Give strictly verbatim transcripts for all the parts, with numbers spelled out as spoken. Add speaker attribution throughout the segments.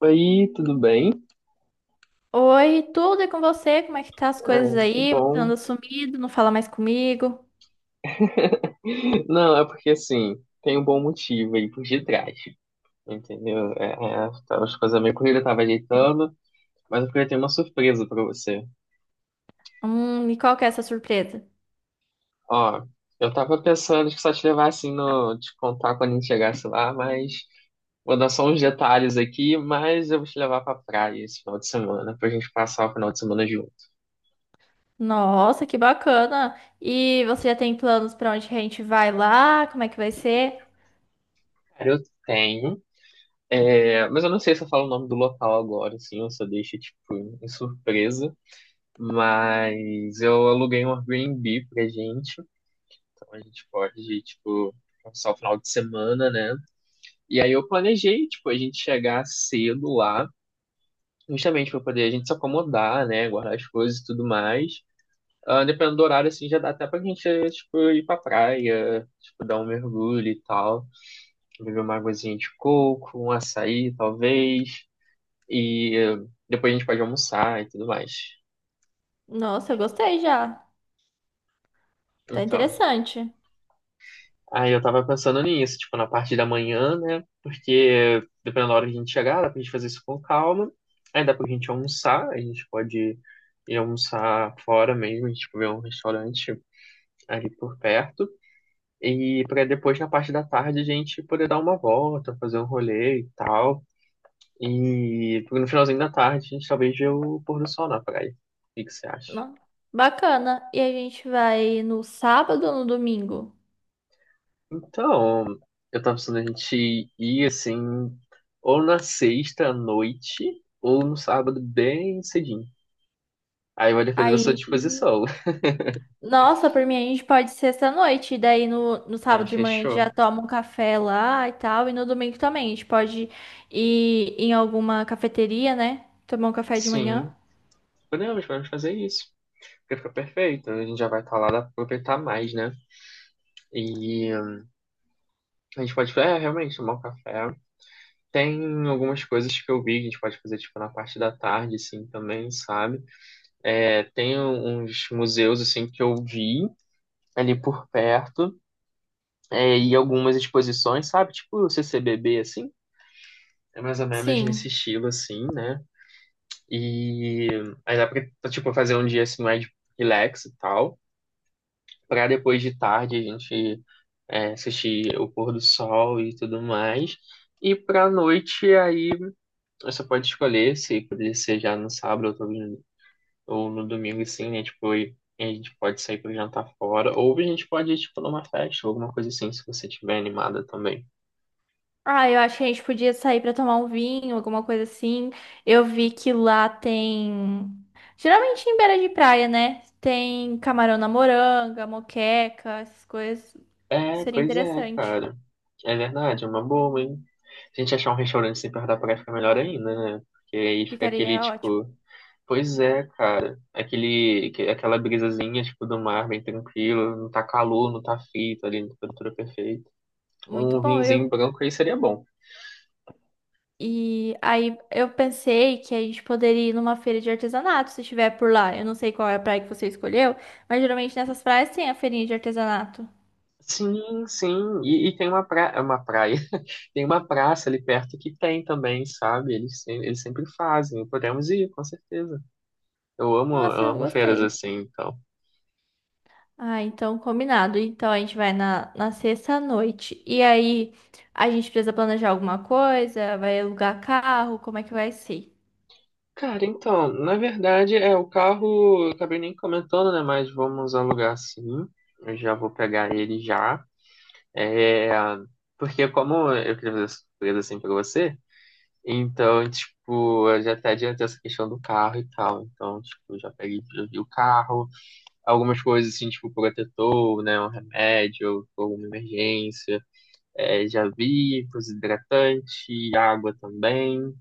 Speaker 1: Oi, tudo bem?
Speaker 2: Oi, tudo é com você? Como é que tá as coisas
Speaker 1: Ah, que
Speaker 2: aí? Você
Speaker 1: bom.
Speaker 2: anda sumido, não fala mais comigo?
Speaker 1: Não, é porque assim, tem um bom motivo aí por detrás, entendeu? É, é, tava as coisas meio corridas, tava ajeitando, mas eu queria ter uma surpresa pra você.
Speaker 2: Hum, e qual que é essa surpresa?
Speaker 1: Ó, eu tava pensando que só te levar assim no, te contar quando a gente chegasse lá, mas vou dar só uns detalhes aqui, mas eu vou te levar pra praia esse final de semana, pra gente passar o final de semana junto.
Speaker 2: Nossa, que bacana! E você já tem planos pra onde que a gente vai lá? Como é que vai ser?
Speaker 1: Cara, eu tenho, é, mas eu não sei se eu falo o nome do local agora, assim, eu só deixo, tipo, em surpresa. Mas eu aluguei um Airbnb pra gente, então a gente pode, tipo, passar o final de semana, né? E aí eu planejei, tipo, a gente chegar cedo lá, justamente pra poder a gente se acomodar, né? Guardar as coisas e tudo mais. Ah, dependendo do horário, assim, já dá até pra gente, eh, tipo, ir pra praia, tipo, dar um mergulho e tal. Beber uma aguazinha de coco, um açaí, talvez. E eh, depois a gente pode almoçar e tudo mais.
Speaker 2: Nossa, eu gostei já. Tá
Speaker 1: Então.
Speaker 2: interessante.
Speaker 1: Aí eu tava pensando nisso, tipo, na parte da manhã, né? Porque dependendo da hora que a gente chegar, dá pra gente fazer isso com calma. Aí dá pra gente almoçar, a gente pode ir almoçar fora mesmo, a gente, tipo, ver um restaurante ali por perto. E pra depois, na parte da tarde, a gente poder dar uma volta, fazer um rolê e tal. E no finalzinho da tarde, a gente talvez vê o pôr do sol na praia. O que que você acha?
Speaker 2: Não? Bacana. E a gente vai no sábado ou no domingo?
Speaker 1: Então, eu tava pensando a gente ir assim, ou na sexta à noite, ou no sábado bem cedinho. Aí vai depender da sua
Speaker 2: Aí.
Speaker 1: disposição.
Speaker 2: Nossa, por mim a gente pode ir sexta-noite, e daí no, no
Speaker 1: Aí
Speaker 2: sábado de manhã a gente
Speaker 1: fechou.
Speaker 2: já toma um café lá e tal, e no domingo também. A gente pode ir em alguma cafeteria, né? Tomar um café de manhã.
Speaker 1: Sim, podemos, podemos fazer isso. Porque fica perfeito. A gente já vai estar lá, dá pra aproveitar mais, né? E hum, a gente pode, é, realmente, tomar um café. Tem algumas coisas que eu vi que a gente pode fazer, tipo, na parte da tarde, assim, também, sabe? É, tem uns museus, assim, que eu vi ali por perto. É, em algumas exposições, sabe? Tipo o C C B B, assim. É mais ou menos nesse
Speaker 2: Sim.
Speaker 1: estilo, assim, né? E aí dá pra, tipo, fazer um dia, assim, mais relax e tal. Pra depois de tarde a gente é, assistir o pôr do sol e tudo mais. E pra noite, aí, você pode escolher se poderia ser já no sábado ou no, ou no domingo, assim, né? Tipo, e a gente pode sair pra jantar fora. Ou a gente pode ir, tipo, numa festa ou alguma coisa assim, se você estiver animada também.
Speaker 2: Ah, eu acho que a gente podia sair pra tomar um vinho, alguma coisa assim. Eu vi que lá tem. Geralmente em beira de praia, né? Tem camarão na moranga, moqueca, essas coisas.
Speaker 1: É,
Speaker 2: Seria
Speaker 1: pois é,
Speaker 2: interessante.
Speaker 1: cara. É verdade, é uma boa, hein? Se a gente achar um restaurante assim perto da praia, fica melhor ainda, né? Porque aí fica aquele,
Speaker 2: Ficaria ótimo.
Speaker 1: tipo... Pois é, cara. Aquele, que- aquela brisazinha, tipo, do mar, bem tranquilo. Não tá calor, não tá frio, tá ali na temperatura perfeita.
Speaker 2: Muito
Speaker 1: Um
Speaker 2: bom. Eu
Speaker 1: vinhozinho branco aí seria bom.
Speaker 2: e aí eu pensei que a gente poderia ir numa feira de artesanato, se estiver por lá. Eu não sei qual é a praia que você escolheu, mas geralmente nessas praias tem a feirinha de artesanato.
Speaker 1: Sim, sim. E, e tem uma praia, uma praia. Tem uma praça ali perto que tem também, sabe? Eles, se- eles sempre fazem. Podemos ir, com certeza. Eu amo,
Speaker 2: Nossa,
Speaker 1: eu
Speaker 2: eu
Speaker 1: amo feiras
Speaker 2: gostei.
Speaker 1: assim, então.
Speaker 2: Ah, então combinado. Então a gente vai na, na sexta à noite. E aí a gente precisa planejar alguma coisa, vai alugar carro, como é que vai ser?
Speaker 1: Cara, então, na verdade, é o carro, eu acabei nem comentando, né? Mas vamos alugar sim. Eu já vou pegar ele já. É, porque como eu queria fazer surpresa assim pra você, então, tipo, eu já até adiantei essa questão do carro e tal. Então, tipo, já peguei, já vi o carro, algumas coisas assim, tipo, protetor, né? Um remédio, alguma emergência. É, já vi, coisa hidratante, água também.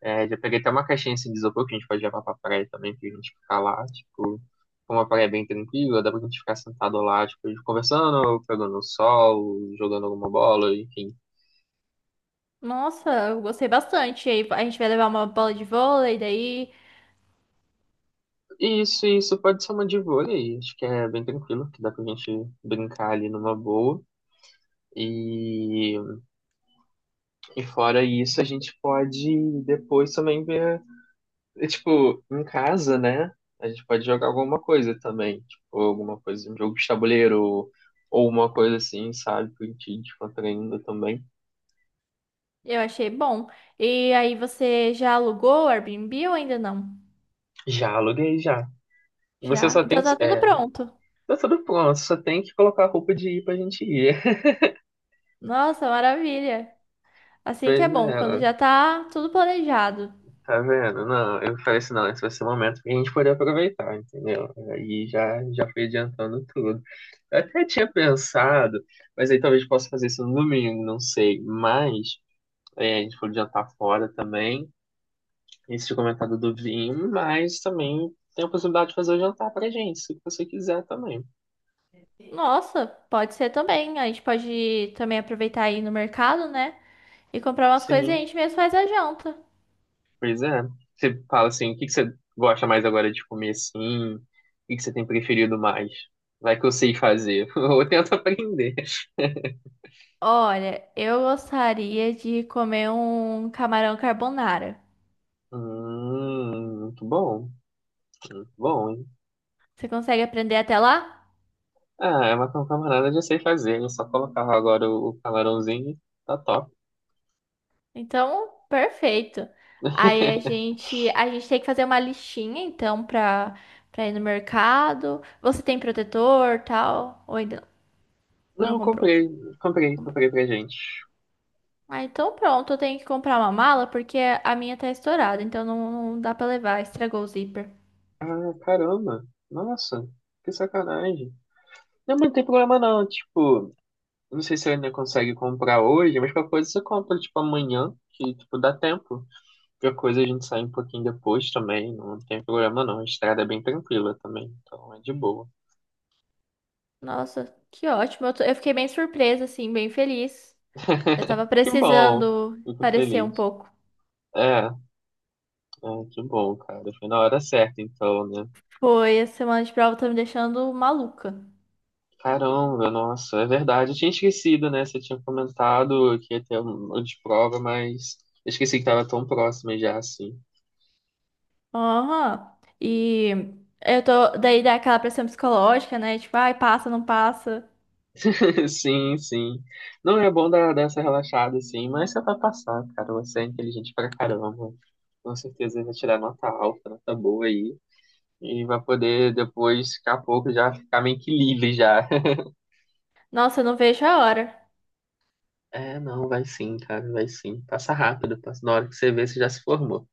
Speaker 1: É, já peguei até uma caixinha assim, de isopor que a gente pode levar pra praia também, pra gente ficar lá, tipo, como a praia é bem tranquila, dá pra gente ficar sentado lá, tipo, conversando, pegando sol, jogando alguma bola, enfim.
Speaker 2: Nossa, eu gostei bastante. E aí a gente vai levar uma bola de vôlei, daí
Speaker 1: E Isso, isso pode ser uma de vôlei, acho que é bem tranquilo, que dá pra gente brincar ali numa boa. E, e fora isso, a gente pode depois também ver E, tipo, em casa, né? A gente pode jogar alguma coisa também. Tipo, alguma coisa, um jogo de tabuleiro ou uma coisa assim, sabe? Que a gente descontraindo também.
Speaker 2: eu achei bom. E aí você já alugou o Airbnb ou ainda não?
Speaker 1: Já aluguei, já. Você
Speaker 2: Já?
Speaker 1: só tem
Speaker 2: Então
Speaker 1: que.
Speaker 2: tá tudo
Speaker 1: É,
Speaker 2: pronto.
Speaker 1: tá tudo pronto, só tem que colocar a roupa de ir pra gente ir.
Speaker 2: Nossa, maravilha. Assim que
Speaker 1: Pois
Speaker 2: é bom, quando
Speaker 1: é,
Speaker 2: já tá tudo planejado.
Speaker 1: tá vendo? Não, eu falei assim, não, esse vai ser o momento que a gente poder aproveitar, entendeu? Aí já, já fui adiantando tudo. Eu até tinha pensado, mas aí talvez possa fazer isso no domingo, não sei. Mas. É, a gente foi jantar fora também. Esse tinha comentado do vinho, mas também tem a possibilidade de fazer o jantar pra gente, se você quiser também.
Speaker 2: Nossa, pode ser também. A gente pode também aproveitar aí no mercado, né? E comprar umas coisas e a
Speaker 1: Sim,
Speaker 2: gente mesmo faz a janta.
Speaker 1: pois é. Você fala assim, o que que você gosta mais agora de comer assim? O que que você tem preferido mais? Vai que eu sei fazer, ou eu tento aprender.
Speaker 2: Olha, eu gostaria de comer um camarão carbonara.
Speaker 1: Hum, muito bom, muito bom, hein?
Speaker 2: Você consegue aprender até lá?
Speaker 1: Ah, é uma camarada, eu já sei fazer, eu só colocar agora o o camarãozinho, tá top.
Speaker 2: Então, perfeito. Aí a gente, a gente tem que fazer uma listinha, então, pra, pra ir no mercado. Você tem protetor, tal? Ou ainda
Speaker 1: Não,
Speaker 2: não comprou.
Speaker 1: comprei, comprei,
Speaker 2: Comprou.
Speaker 1: comprei pra gente.
Speaker 2: Ah, então pronto, eu tenho que comprar uma mala porque a minha tá estourada, então não, não dá pra levar, estragou o zíper.
Speaker 1: Ah, caramba. Nossa, que sacanagem. Não, mas não tem problema não, tipo, eu não sei se ainda consegue comprar hoje, mas qualquer coisa você compra, tipo, amanhã, que, tipo, dá tempo. Qualquer coisa a gente sai um pouquinho depois também, não tem problema não, a estrada é bem tranquila também, então é de boa.
Speaker 2: Nossa, que ótimo. Eu, tô- eu fiquei bem surpresa, assim, bem feliz. Eu tava
Speaker 1: Que bom,
Speaker 2: precisando
Speaker 1: fico
Speaker 2: parecer um
Speaker 1: feliz.
Speaker 2: pouco.
Speaker 1: É, é, que bom, cara, foi na hora certa então, né?
Speaker 2: Foi, a semana de prova tá me deixando maluca.
Speaker 1: Caramba, nossa, é verdade. Eu tinha esquecido, né? Você tinha comentado que ia ter uma de prova, mas eu esqueci que tava tão próxima já, assim.
Speaker 2: Aham. E eu tô, daí dá aquela pressão psicológica, né? Tipo, ai, passa, não passa.
Speaker 1: Sim, sim. Não é bom dar, dar essa relaxada, assim, mas você vai passar, cara. Você é inteligente pra caramba. Com certeza vai tirar nota alta, nota boa aí. E vai poder depois, daqui a pouco, já ficar meio que livre já.
Speaker 2: Nossa, eu não vejo a hora.
Speaker 1: É, não, vai sim, cara, vai sim. Passa rápido, passa. Na hora que você vê, você já se formou.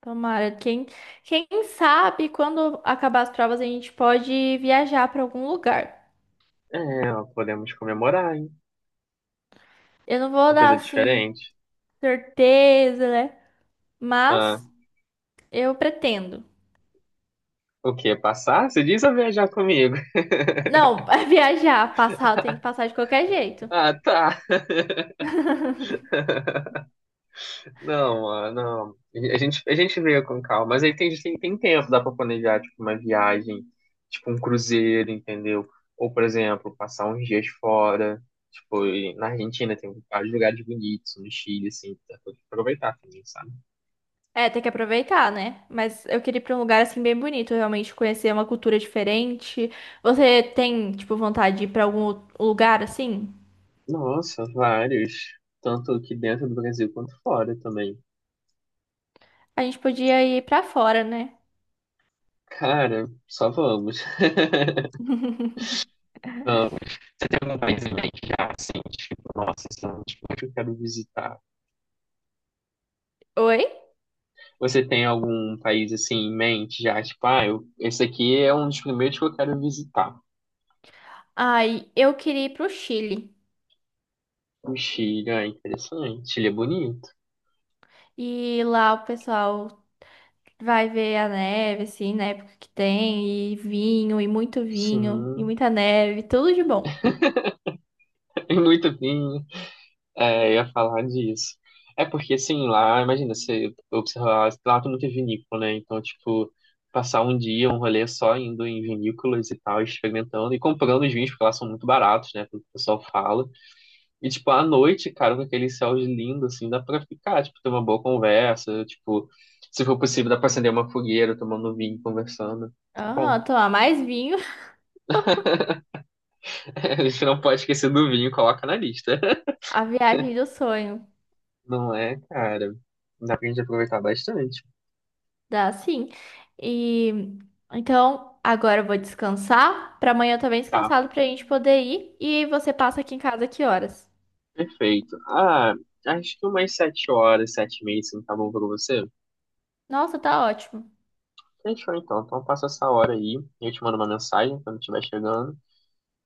Speaker 2: Tomara. Quem, quem sabe quando acabar as provas a gente pode viajar para algum lugar.
Speaker 1: É, ó, podemos comemorar, hein?
Speaker 2: Eu não vou
Speaker 1: Uma
Speaker 2: dar
Speaker 1: coisa
Speaker 2: assim
Speaker 1: diferente.
Speaker 2: certeza, né?
Speaker 1: Ah,
Speaker 2: Mas eu pretendo.
Speaker 1: o quê? Passar? Você diz ou viajar comigo?
Speaker 2: Não, viajar, passar, tem que passar de qualquer jeito.
Speaker 1: Ah, tá. Não, ah, não. A gente, a gente veio com calma, mas aí tem, tem, tem tempo, dá pra planejar, tipo, uma viagem, tipo, um cruzeiro, entendeu? Ou, por exemplo, passar uns dias fora, tipo, e na Argentina tem vários lugares bonitos, no Chile, assim, dá pra aproveitar também, sabe?
Speaker 2: É, tem que aproveitar, né? Mas eu queria ir pra um lugar assim bem bonito, realmente conhecer uma cultura diferente. Você tem, tipo, vontade de ir pra algum lugar assim?
Speaker 1: Nossa, vários. Tanto aqui dentro do Brasil quanto fora também.
Speaker 2: A gente podia ir pra fora, né?
Speaker 1: Cara, só vamos. Então, você tem algum país em mente já, assim, tipo, nossa, esse é um tipo que eu quero visitar.
Speaker 2: Oi?
Speaker 1: Você tem algum país, assim, em mente já, tipo, ah, eu, esse aqui é um dos primeiros que eu quero visitar.
Speaker 2: Ai, eu queria ir pro Chile.
Speaker 1: O Chile, ah, interessante. Chile é bonito.
Speaker 2: E lá o pessoal vai ver a neve, assim, na época que tem, e vinho, e muito vinho, e
Speaker 1: Sim,
Speaker 2: muita neve, tudo de bom.
Speaker 1: é muito bem. É, eu ia falar disso. É porque, assim, lá, imagina, você observar, lá tem muita vinícola, né? Então, tipo, passar um dia, um rolê só indo em vinícolas e tal, experimentando e comprando os vinhos, porque lá são muito baratos, né? Como o pessoal fala. E, tipo, à noite, cara, com aquele céu lindo, assim, dá pra ficar, tipo, ter uma boa conversa, tipo, se for possível, dá pra acender uma fogueira, tomando vinho, conversando. Bom,
Speaker 2: Aham, tomar mais vinho,
Speaker 1: a gente não pode esquecer do vinho, coloca na lista.
Speaker 2: a viagem do sonho,
Speaker 1: Não é, cara? Dá pra gente aproveitar bastante.
Speaker 2: dá sim. E então, agora eu vou descansar, pra amanhã eu tô bem
Speaker 1: Tá,
Speaker 2: descansado pra gente poder ir, e você passa aqui em casa que horas?
Speaker 1: perfeito. Ah, acho que umas sete horas, sete e meia, assim, tá bom pra você?
Speaker 2: Nossa, tá ótimo.
Speaker 1: Fechou, então. Então passa essa hora aí, eu te mando uma mensagem quando estiver chegando,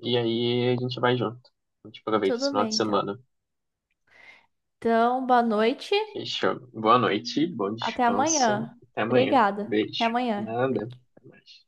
Speaker 1: e aí a gente vai junto. A gente aproveita esse
Speaker 2: Tudo
Speaker 1: final de
Speaker 2: bem, então.
Speaker 1: semana.
Speaker 2: Então, boa noite,
Speaker 1: Fechou. Boa noite, bom
Speaker 2: até
Speaker 1: descanso.
Speaker 2: amanhã.
Speaker 1: Até amanhã.
Speaker 2: Obrigada. Até
Speaker 1: Beijo.
Speaker 2: amanhã.
Speaker 1: Nada. Até mais.